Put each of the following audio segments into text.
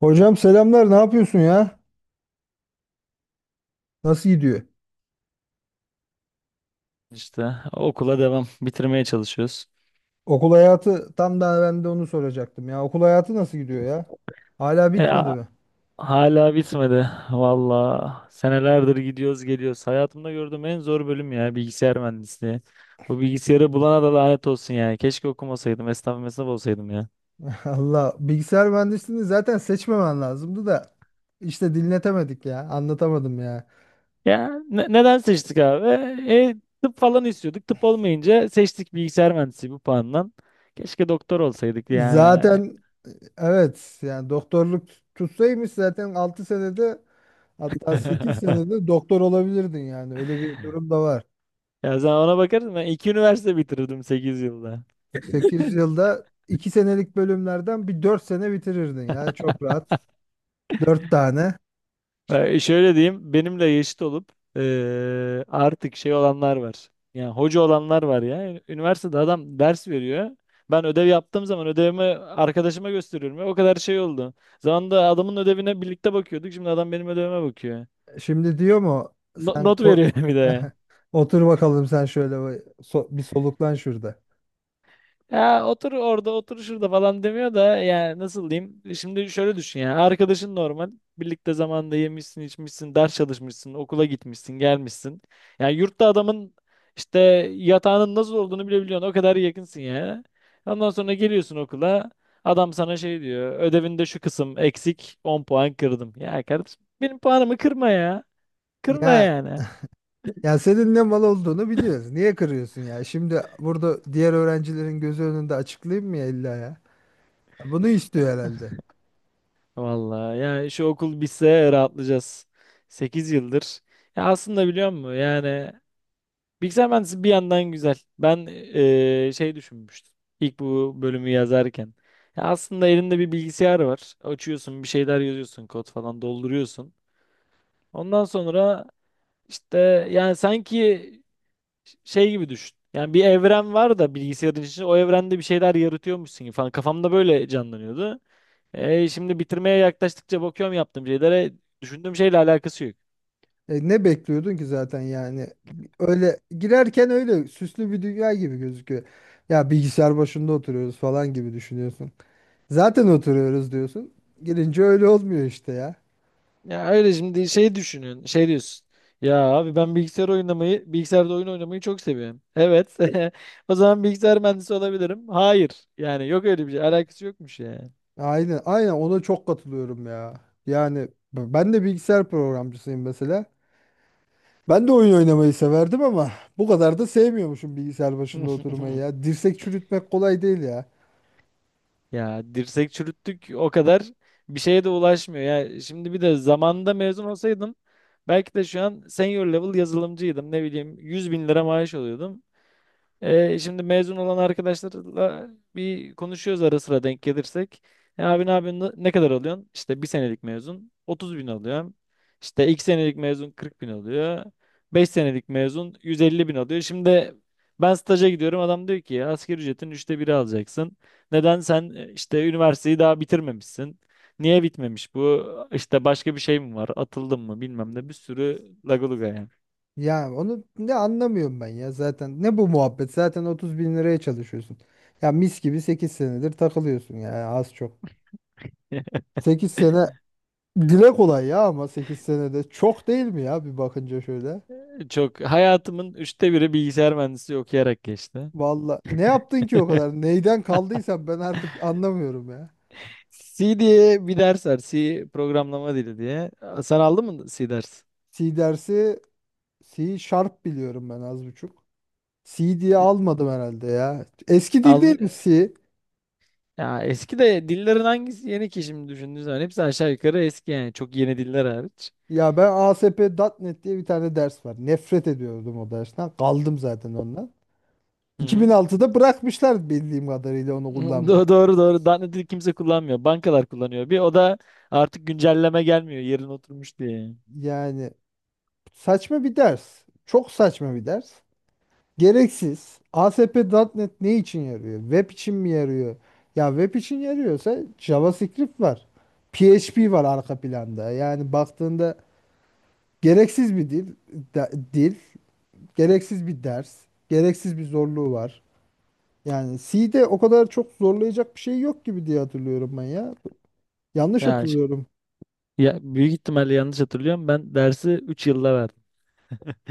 Hocam selamlar. Ne yapıyorsun ya? Nasıl gidiyor? İşte okula devam. Bitirmeye çalışıyoruz. Okul hayatı tam da ben de onu soracaktım ya. Okul hayatı nasıl gidiyor ya? Hala E, bitmedi a- mi? Hala bitmedi. Valla senelerdir gidiyoruz geliyoruz. Hayatımda gördüğüm en zor bölüm ya bilgisayar mühendisliği. Bu bilgisayarı bulana da lanet olsun yani. Keşke okumasaydım. Esnaf mesnaf olsaydım ya. Allah bilgisayar mühendisliğini zaten seçmemen lazımdı da işte dinletemedik ya. Anlatamadım ya. Ya neden seçtik abi? E, Tıp falan istiyorduk. Tıp olmayınca seçtik bilgisayar mühendisliği bu puandan. Keşke doktor olsaydık yani. Zaten evet yani doktorluk tutsaymış zaten 6 senede hatta 8 senede doktor olabilirdin yani. Öyle bir durum da var. Ya sen ona bakarsın, ben iki üniversite bitirdim 8 yılda. 8 yılda 2 senelik bölümlerden bir 4 sene bitirirdin ya çok rahat. 4 tane. Şöyle diyeyim, benimle eşit olup artık şey olanlar var. Yani hoca olanlar var ya. Üniversitede adam ders veriyor. Ben ödev yaptığım zaman ödevimi arkadaşıma gösteriyorum ya. O kadar şey oldu. Zamanında adamın ödevine birlikte bakıyorduk. Şimdi adam benim ödevime bakıyor. Şimdi diyor mu sen Not ko- veriyor bir de. otur bakalım sen şöyle bir soluklan şurada. Ya otur orada otur şurada falan demiyor da yani nasıl diyeyim? Şimdi şöyle düşün, yani arkadaşın normal birlikte zamanda yemişsin içmişsin, ders çalışmışsın, okula gitmişsin gelmişsin. Yani yurtta adamın işte yatağının nasıl olduğunu bile biliyorsun, o kadar yakınsın ya. Ondan sonra geliyorsun okula, adam sana şey diyor, ödevinde şu kısım eksik, 10 puan kırdım. Ya kardeşim benim puanımı kırma ya, kırma Ya yani. ya senin ne mal olduğunu biliyoruz. Niye kırıyorsun ya? Şimdi burada diğer öğrencilerin gözü önünde açıklayayım mı ya illa ya? Bunu istiyor herhalde. Vallahi yani şu okul bitse rahatlayacağız. 8 yıldır. Ya aslında biliyor musun? Yani bilgisayar mühendisliği bir yandan güzel. Ben şey düşünmüştüm. İlk bu bölümü yazarken. Ya aslında elinde bir bilgisayar var. Açıyorsun, bir şeyler yazıyorsun, kod falan dolduruyorsun. Ondan sonra işte yani sanki şey gibi düşün. Yani bir evren var da bilgisayarın içinde, o evrende bir şeyler yaratıyormuşsun gibi falan. Kafamda böyle canlanıyordu. Şimdi bitirmeye yaklaştıkça bakıyorum yaptığım şeylere, düşündüğüm şeyle alakası yok. E, ne bekliyordun ki zaten yani? Öyle girerken öyle süslü bir dünya gibi gözüküyor. Ya bilgisayar başında oturuyoruz falan gibi düşünüyorsun. Zaten oturuyoruz diyorsun. Girince öyle olmuyor işte ya. Ya öyle şimdi şey düşünün. Şey diyorsun. Ya abi ben bilgisayar oynamayı, bilgisayarda oyun oynamayı çok seviyorum. Evet. O zaman bilgisayar mühendisi olabilirim. Hayır. Yani yok öyle bir şey. Alakası yokmuş ya. Aynen, aynen ona çok katılıyorum ya. Yani ben de bilgisayar programcısıyım mesela. Ben de oyun oynamayı severdim ama bu kadar da sevmiyormuşum bilgisayar başında oturmayı ya. Dirsek çürütmek kolay değil ya. Ya dirsek çürüttük o kadar, bir şeye de ulaşmıyor. Ya şimdi bir de zamanında mezun olsaydım belki de şu an senior level yazılımcıydım. Ne bileyim 100.000 lira maaş alıyordum. Şimdi mezun olan arkadaşlarla bir konuşuyoruz ara sıra denk gelirsek. E, abi ne yapıyorsun? Ne kadar alıyorsun? İşte bir senelik mezun 30 bin alıyorum. İşte iki senelik mezun 40 bin alıyor. 5 senelik mezun 150 bin alıyor. Şimdi ben staja gidiyorum. Adam diyor ki asgari ücretin üçte biri alacaksın. Neden sen e, işte üniversiteyi daha bitirmemişsin? Niye bitmemiş bu? İşte başka bir şey mi var? Atıldın mı? Bilmem ne. Bir sürü lagaluga yani. Ya onu ne anlamıyorum ben ya zaten. Ne bu muhabbet? Zaten 30 bin liraya çalışıyorsun. Ya mis gibi 8 senedir takılıyorsun ya az çok. Sekiz sene dile kolay ya, ama 8 senede çok değil mi ya bir bakınca şöyle. Çok hayatımın üçte biri bilgisayar mühendisliği okuyarak geçti. Valla ne yaptın ki o kadar? Neyden kaldıysan ben artık anlamıyorum ya. C diye bir ders var. C programlama dili diye. Sen aldın mı C ders? C dersi. C Sharp biliyorum ben az buçuk. C diye almadım herhalde ya. Eski dil değil Almış. mi C? Ya eski de dillerin hangisi yeni ki şimdi düşündüğün zaman? Hepsi aşağı yukarı eski yani, çok yeni diller hariç. Ya ben, A S P nokta Net diye bir tane ders var. Nefret ediyordum o dersten. Kaldım zaten ondan. Hı hı. 2006'da bırakmışlar bildiğim kadarıyla onu kullanmayı. Doğru doğru. Daha ne dil kimse kullanmıyor. Bankalar kullanıyor. Bir o da artık güncelleme gelmiyor, yerine oturmuş diye. Yani saçma bir ders. Çok saçma bir ders. Gereksiz. A S P nokta Net ne için yarıyor? Web için mi yarıyor? Ya web için yarıyorsa JavaScript var. P H P var arka planda. Yani baktığında gereksiz bir dil, dil, gereksiz bir ders, gereksiz bir zorluğu var. Yani C'de o kadar çok zorlayacak bir şey yok gibi diye hatırlıyorum ben ya. Yanlış Ya, ş- hatırlıyorum. Ya büyük ihtimalle yanlış hatırlıyorum. Ben dersi 3 yılda verdim.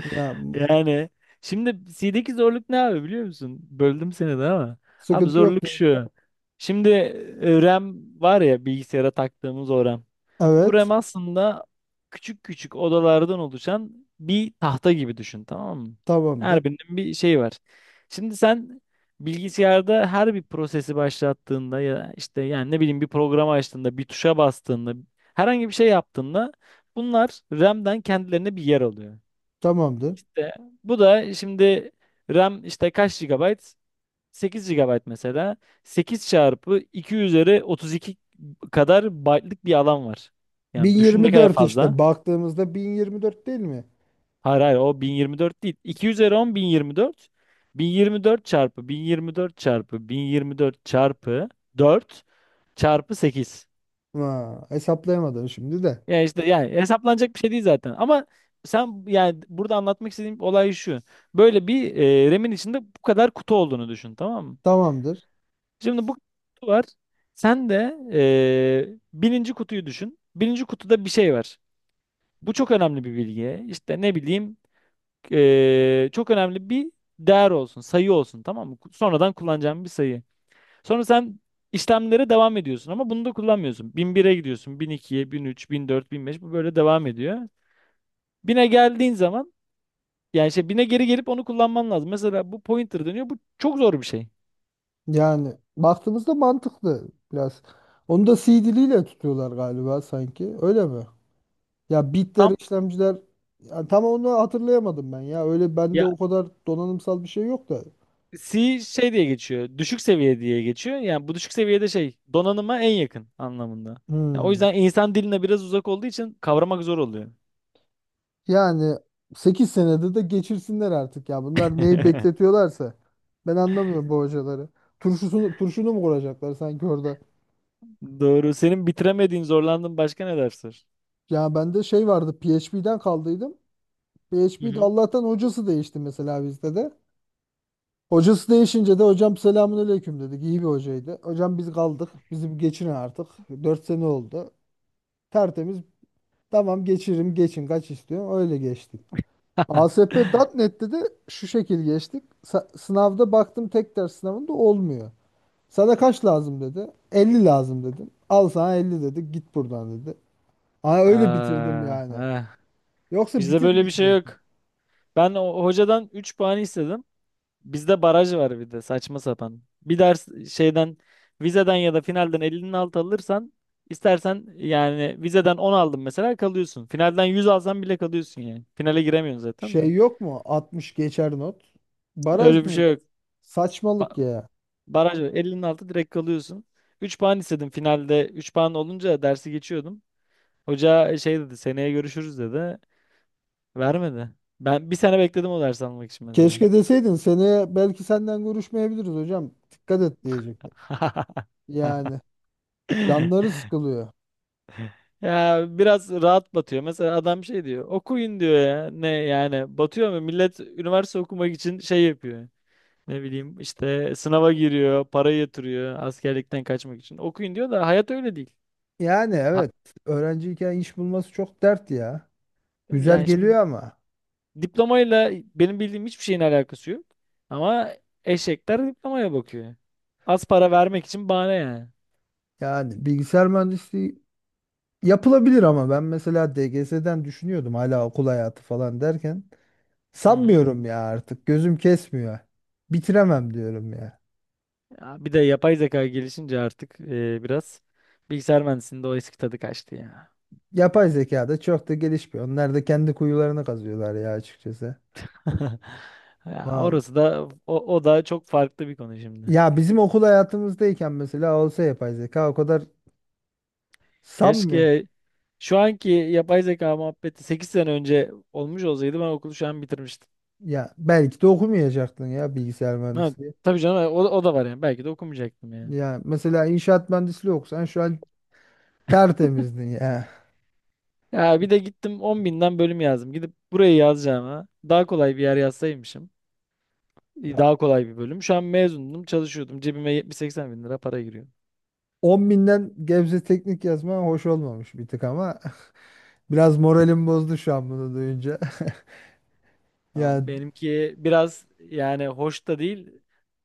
Ya Yani şimdi C'deki zorluk ne abi biliyor musun? Böldüm seni de ama. Abi sıkıntı yok zorluk dedim. şu. Şimdi RAM var ya, bilgisayara taktığımız o RAM. Bu Evet, RAM aslında küçük küçük odalardan oluşan bir tahta gibi düşün, tamam mı? tamamdır. Her birinin bir şey var. Şimdi sen bilgisayarda her bir prosesi başlattığında ya işte yani ne bileyim bir programı açtığında, bir tuşa bastığında, herhangi bir şey yaptığında bunlar RAM'den kendilerine bir yer alıyor. Tamamdır. İşte bu da şimdi RAM işte kaç GB? 8 GB mesela. 8 çarpı 2 üzeri 32 kadar byte'lık bir alan var. Yani düşün ne kadar 1024, fazla. işte baktığımızda 1024 değil mi? Hayır hayır, o 1024 değil. 2 üzeri 10 1024. 1024 çarpı 1024 çarpı 1024 çarpı 4 çarpı 8. Ha, hesaplayamadım şimdi de. Yani işte yani hesaplanacak bir şey değil zaten. Ama sen yani burada anlatmak istediğim olay şu. Böyle bir RAM'in içinde bu kadar kutu olduğunu düşün, tamam mı? Tamamdır. Şimdi bu kutu var. Sen de birinci kutuyu düşün. Birinci kutuda bir şey var. Bu çok önemli bir bilgi. İşte ne bileyim çok önemli bir değer olsun, sayı olsun, tamam mı? Sonradan kullanacağım bir sayı. Sonra sen işlemlere devam ediyorsun ama bunu da kullanmıyorsun. Bin bire gidiyorsun, bin bin ikiye, bin üç, bin dört, bin beş, bu böyle devam ediyor. Bine geldiğin zaman yani şey bine geri gelip onu kullanman lazım. Mesela bu pointer dönüyor. Bu çok zor bir şey. Yani baktığımızda mantıklı biraz. Onu da C diliyle tutuyorlar galiba sanki. Öyle mi? Ya bitler, Tam. işlemciler, ya tam onu hatırlayamadım ben ya. Öyle bende o kadar donanımsal bir şey yok da. C şey diye geçiyor. Düşük seviye diye geçiyor. Yani bu düşük seviyede şey, donanıma en yakın anlamında. Yani o Hmm. yüzden insan diline biraz uzak olduğu için kavramak zor oluyor. Yani 8 senede de geçirsinler artık ya. Bunlar neyi bekletiyorlarsa ben anlamıyorum bu hocaları. Turşunu mu kuracaklar sanki orada? Doğru. Senin bitiremediğin, zorlandığın başka ne dersler? Ya bende şey vardı, PHP'den kaldıydım. Hı PHP'de hı. Allah'tan hocası değişti mesela bizde de. Hocası değişince de hocam selamünaleyküm dedik. İyi bir hocaydı. Hocam biz kaldık. Bizi bir geçirin artık. Dört sene oldu. Tertemiz. Tamam geçiririm, geçin kaç istiyorsun, öyle geçtik. ASP.NET'te de şu şekil geçtik. Sınavda baktım tek ders sınavında olmuyor. Sana kaç lazım dedi. 50 lazım dedim. Al sana 50 dedi. Git buradan dedi. Aa, öyle bitirdim Aa, yani. eh. Yoksa Bizde böyle bir şey bitirmeyecektim. yok. Ben o hocadan 3 puan istedim. Bizde baraj var bir de, saçma sapan. Bir ders şeyden, vizeden ya da finalden 50'nin altı alırsan, istersen yani vizeden 10 aldın mesela, kalıyorsun. Finalden 100 alsan bile kalıyorsun yani. Finale giremiyorsun zaten Şey de. yok mu? 60 geçer not. Baraj Öyle bir ne? şey yok. Saçmalık Ba- ya. Baraj var. 50'nin altı direkt kalıyorsun. 3 puan istedim finalde, 3 puan olunca dersi geçiyordum. Hoca şey dedi, seneye görüşürüz dedi. Vermedi. Ben bir sene bekledim o dersi almak için mesela. Keşke deseydin seneye belki senden görüşmeyebiliriz hocam, dikkat et diyecektim. Yani canları sıkılıyor. Ya biraz rahat batıyor. Mesela adam şey diyor, okuyun diyor ya. Ne yani batıyor mu? Millet üniversite okumak için şey yapıyor. Ne bileyim işte sınava giriyor, para yatırıyor askerlikten kaçmak için. Okuyun diyor da hayat öyle değil. Yani Ha- evet, öğrenciyken iş bulması çok dert ya. Güzel Yani şimdi geliyor ama diplomayla benim bildiğim hiçbir şeyin alakası yok. Ama eşekler diplomaya bakıyor. Az para vermek için bahane yani. yani bilgisayar mühendisliği yapılabilir, ama ben mesela DGS'den düşünüyordum, hala okul hayatı falan derken Hı hı. sanmıyorum ya, artık gözüm kesmiyor. Bitiremem diyorum ya. Ya bir de yapay zeka gelişince artık biraz bilgisayar mühendisliğinde o eski tadı kaçtı ya. Yapay zeka da çok da gelişmiyor. Onlar da kendi kuyularını kazıyorlar ya açıkçası. Ya Val- orası da, o, o da çok farklı bir konu şimdi. Ya bizim okul hayatımızdayken mesela olsa yapay zeka, o kadar sanmıyor. Keşke şu anki yapay zeka muhabbeti 8 sene önce olmuş olsaydı, ben okulu şu an bitirmiştim. Ya belki de okumayacaktın ya bilgisayar Ha, mühendisliği. tabii canım, o, o da var yani. Belki de okumayacaktım yani. Ya mesela inşaat mühendisliği okusan şu an tertemizdin ya. Ya bir de gittim 10.000'den bölüm yazdım. Gidip burayı yazacağıma daha kolay bir yer yazsaymışım. İyi, Ya daha kolay bir bölüm. Şu an mezundum, çalışıyordum. Cebime 70-80 bin lira para giriyor. 10 binden Gebze Teknik yazma hoş olmamış bir tık ama biraz moralim bozdu şu an bunu duyunca. Ya Ya, benimki biraz yani hoş da değil,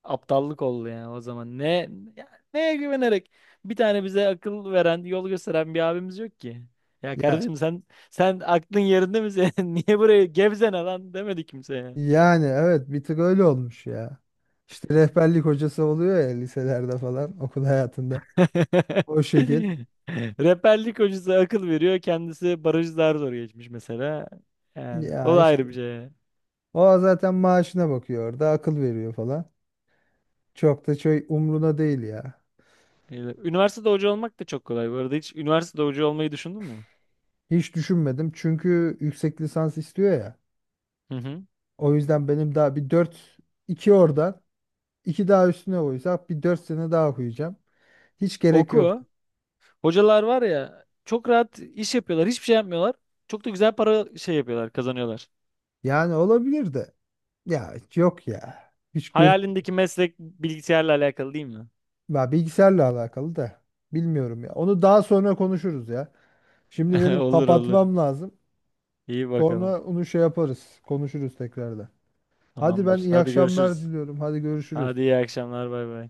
aptallık oldu yani o zaman. Ne ya, neye güvenerek? Bir tane bize akıl veren, yol gösteren bir abimiz yok ki. Ya ya kardeşim sen, sen aklın yerinde mi senin? Niye buraya gevzene lan demedi kimseye. yani evet, bir tık öyle olmuş ya. İşte rehberlik hocası oluyor ya liselerde falan okul hayatında. O şekil. Rehberlik hocası akıl veriyor. Kendisi barajı daha zor geçmiş mesela. Yani o Ya da işte ayrı bir şey. o zaten maaşına bakıyor orada, akıl veriyor falan. Çok da şey, umruna değil ya. Öyle. Üniversitede hoca olmak da çok kolay. Bu arada hiç üniversitede hoca olmayı düşündün mü? Hiç düşünmedim çünkü yüksek lisans istiyor ya. Hı hı. O yüzden benim daha bir dört, 2 oradan, 2 daha üstüne koysak bir 4 sene daha okuyacağım. Hiç gerek yok. Oku. Hocalar var ya, çok rahat iş yapıyorlar. Hiçbir şey yapmıyorlar. Çok da güzel para şey yapıyorlar, kazanıyorlar. Yani olabilir de. Ya yok ya. Hiç göz, Hayalindeki meslek bilgisayarla alakalı değil mi? ya bilgisayarla alakalı da bilmiyorum ya. Onu daha sonra konuşuruz ya. Şimdi benim Olur olur. kapatmam lazım. İyi bakalım. Sonra onu şey yaparız, konuşuruz tekrardan. Hadi ben Tamamdır. iyi Hadi akşamlar görüşürüz. diliyorum. Hadi görüşürüz. Hadi iyi akşamlar. Bay bay.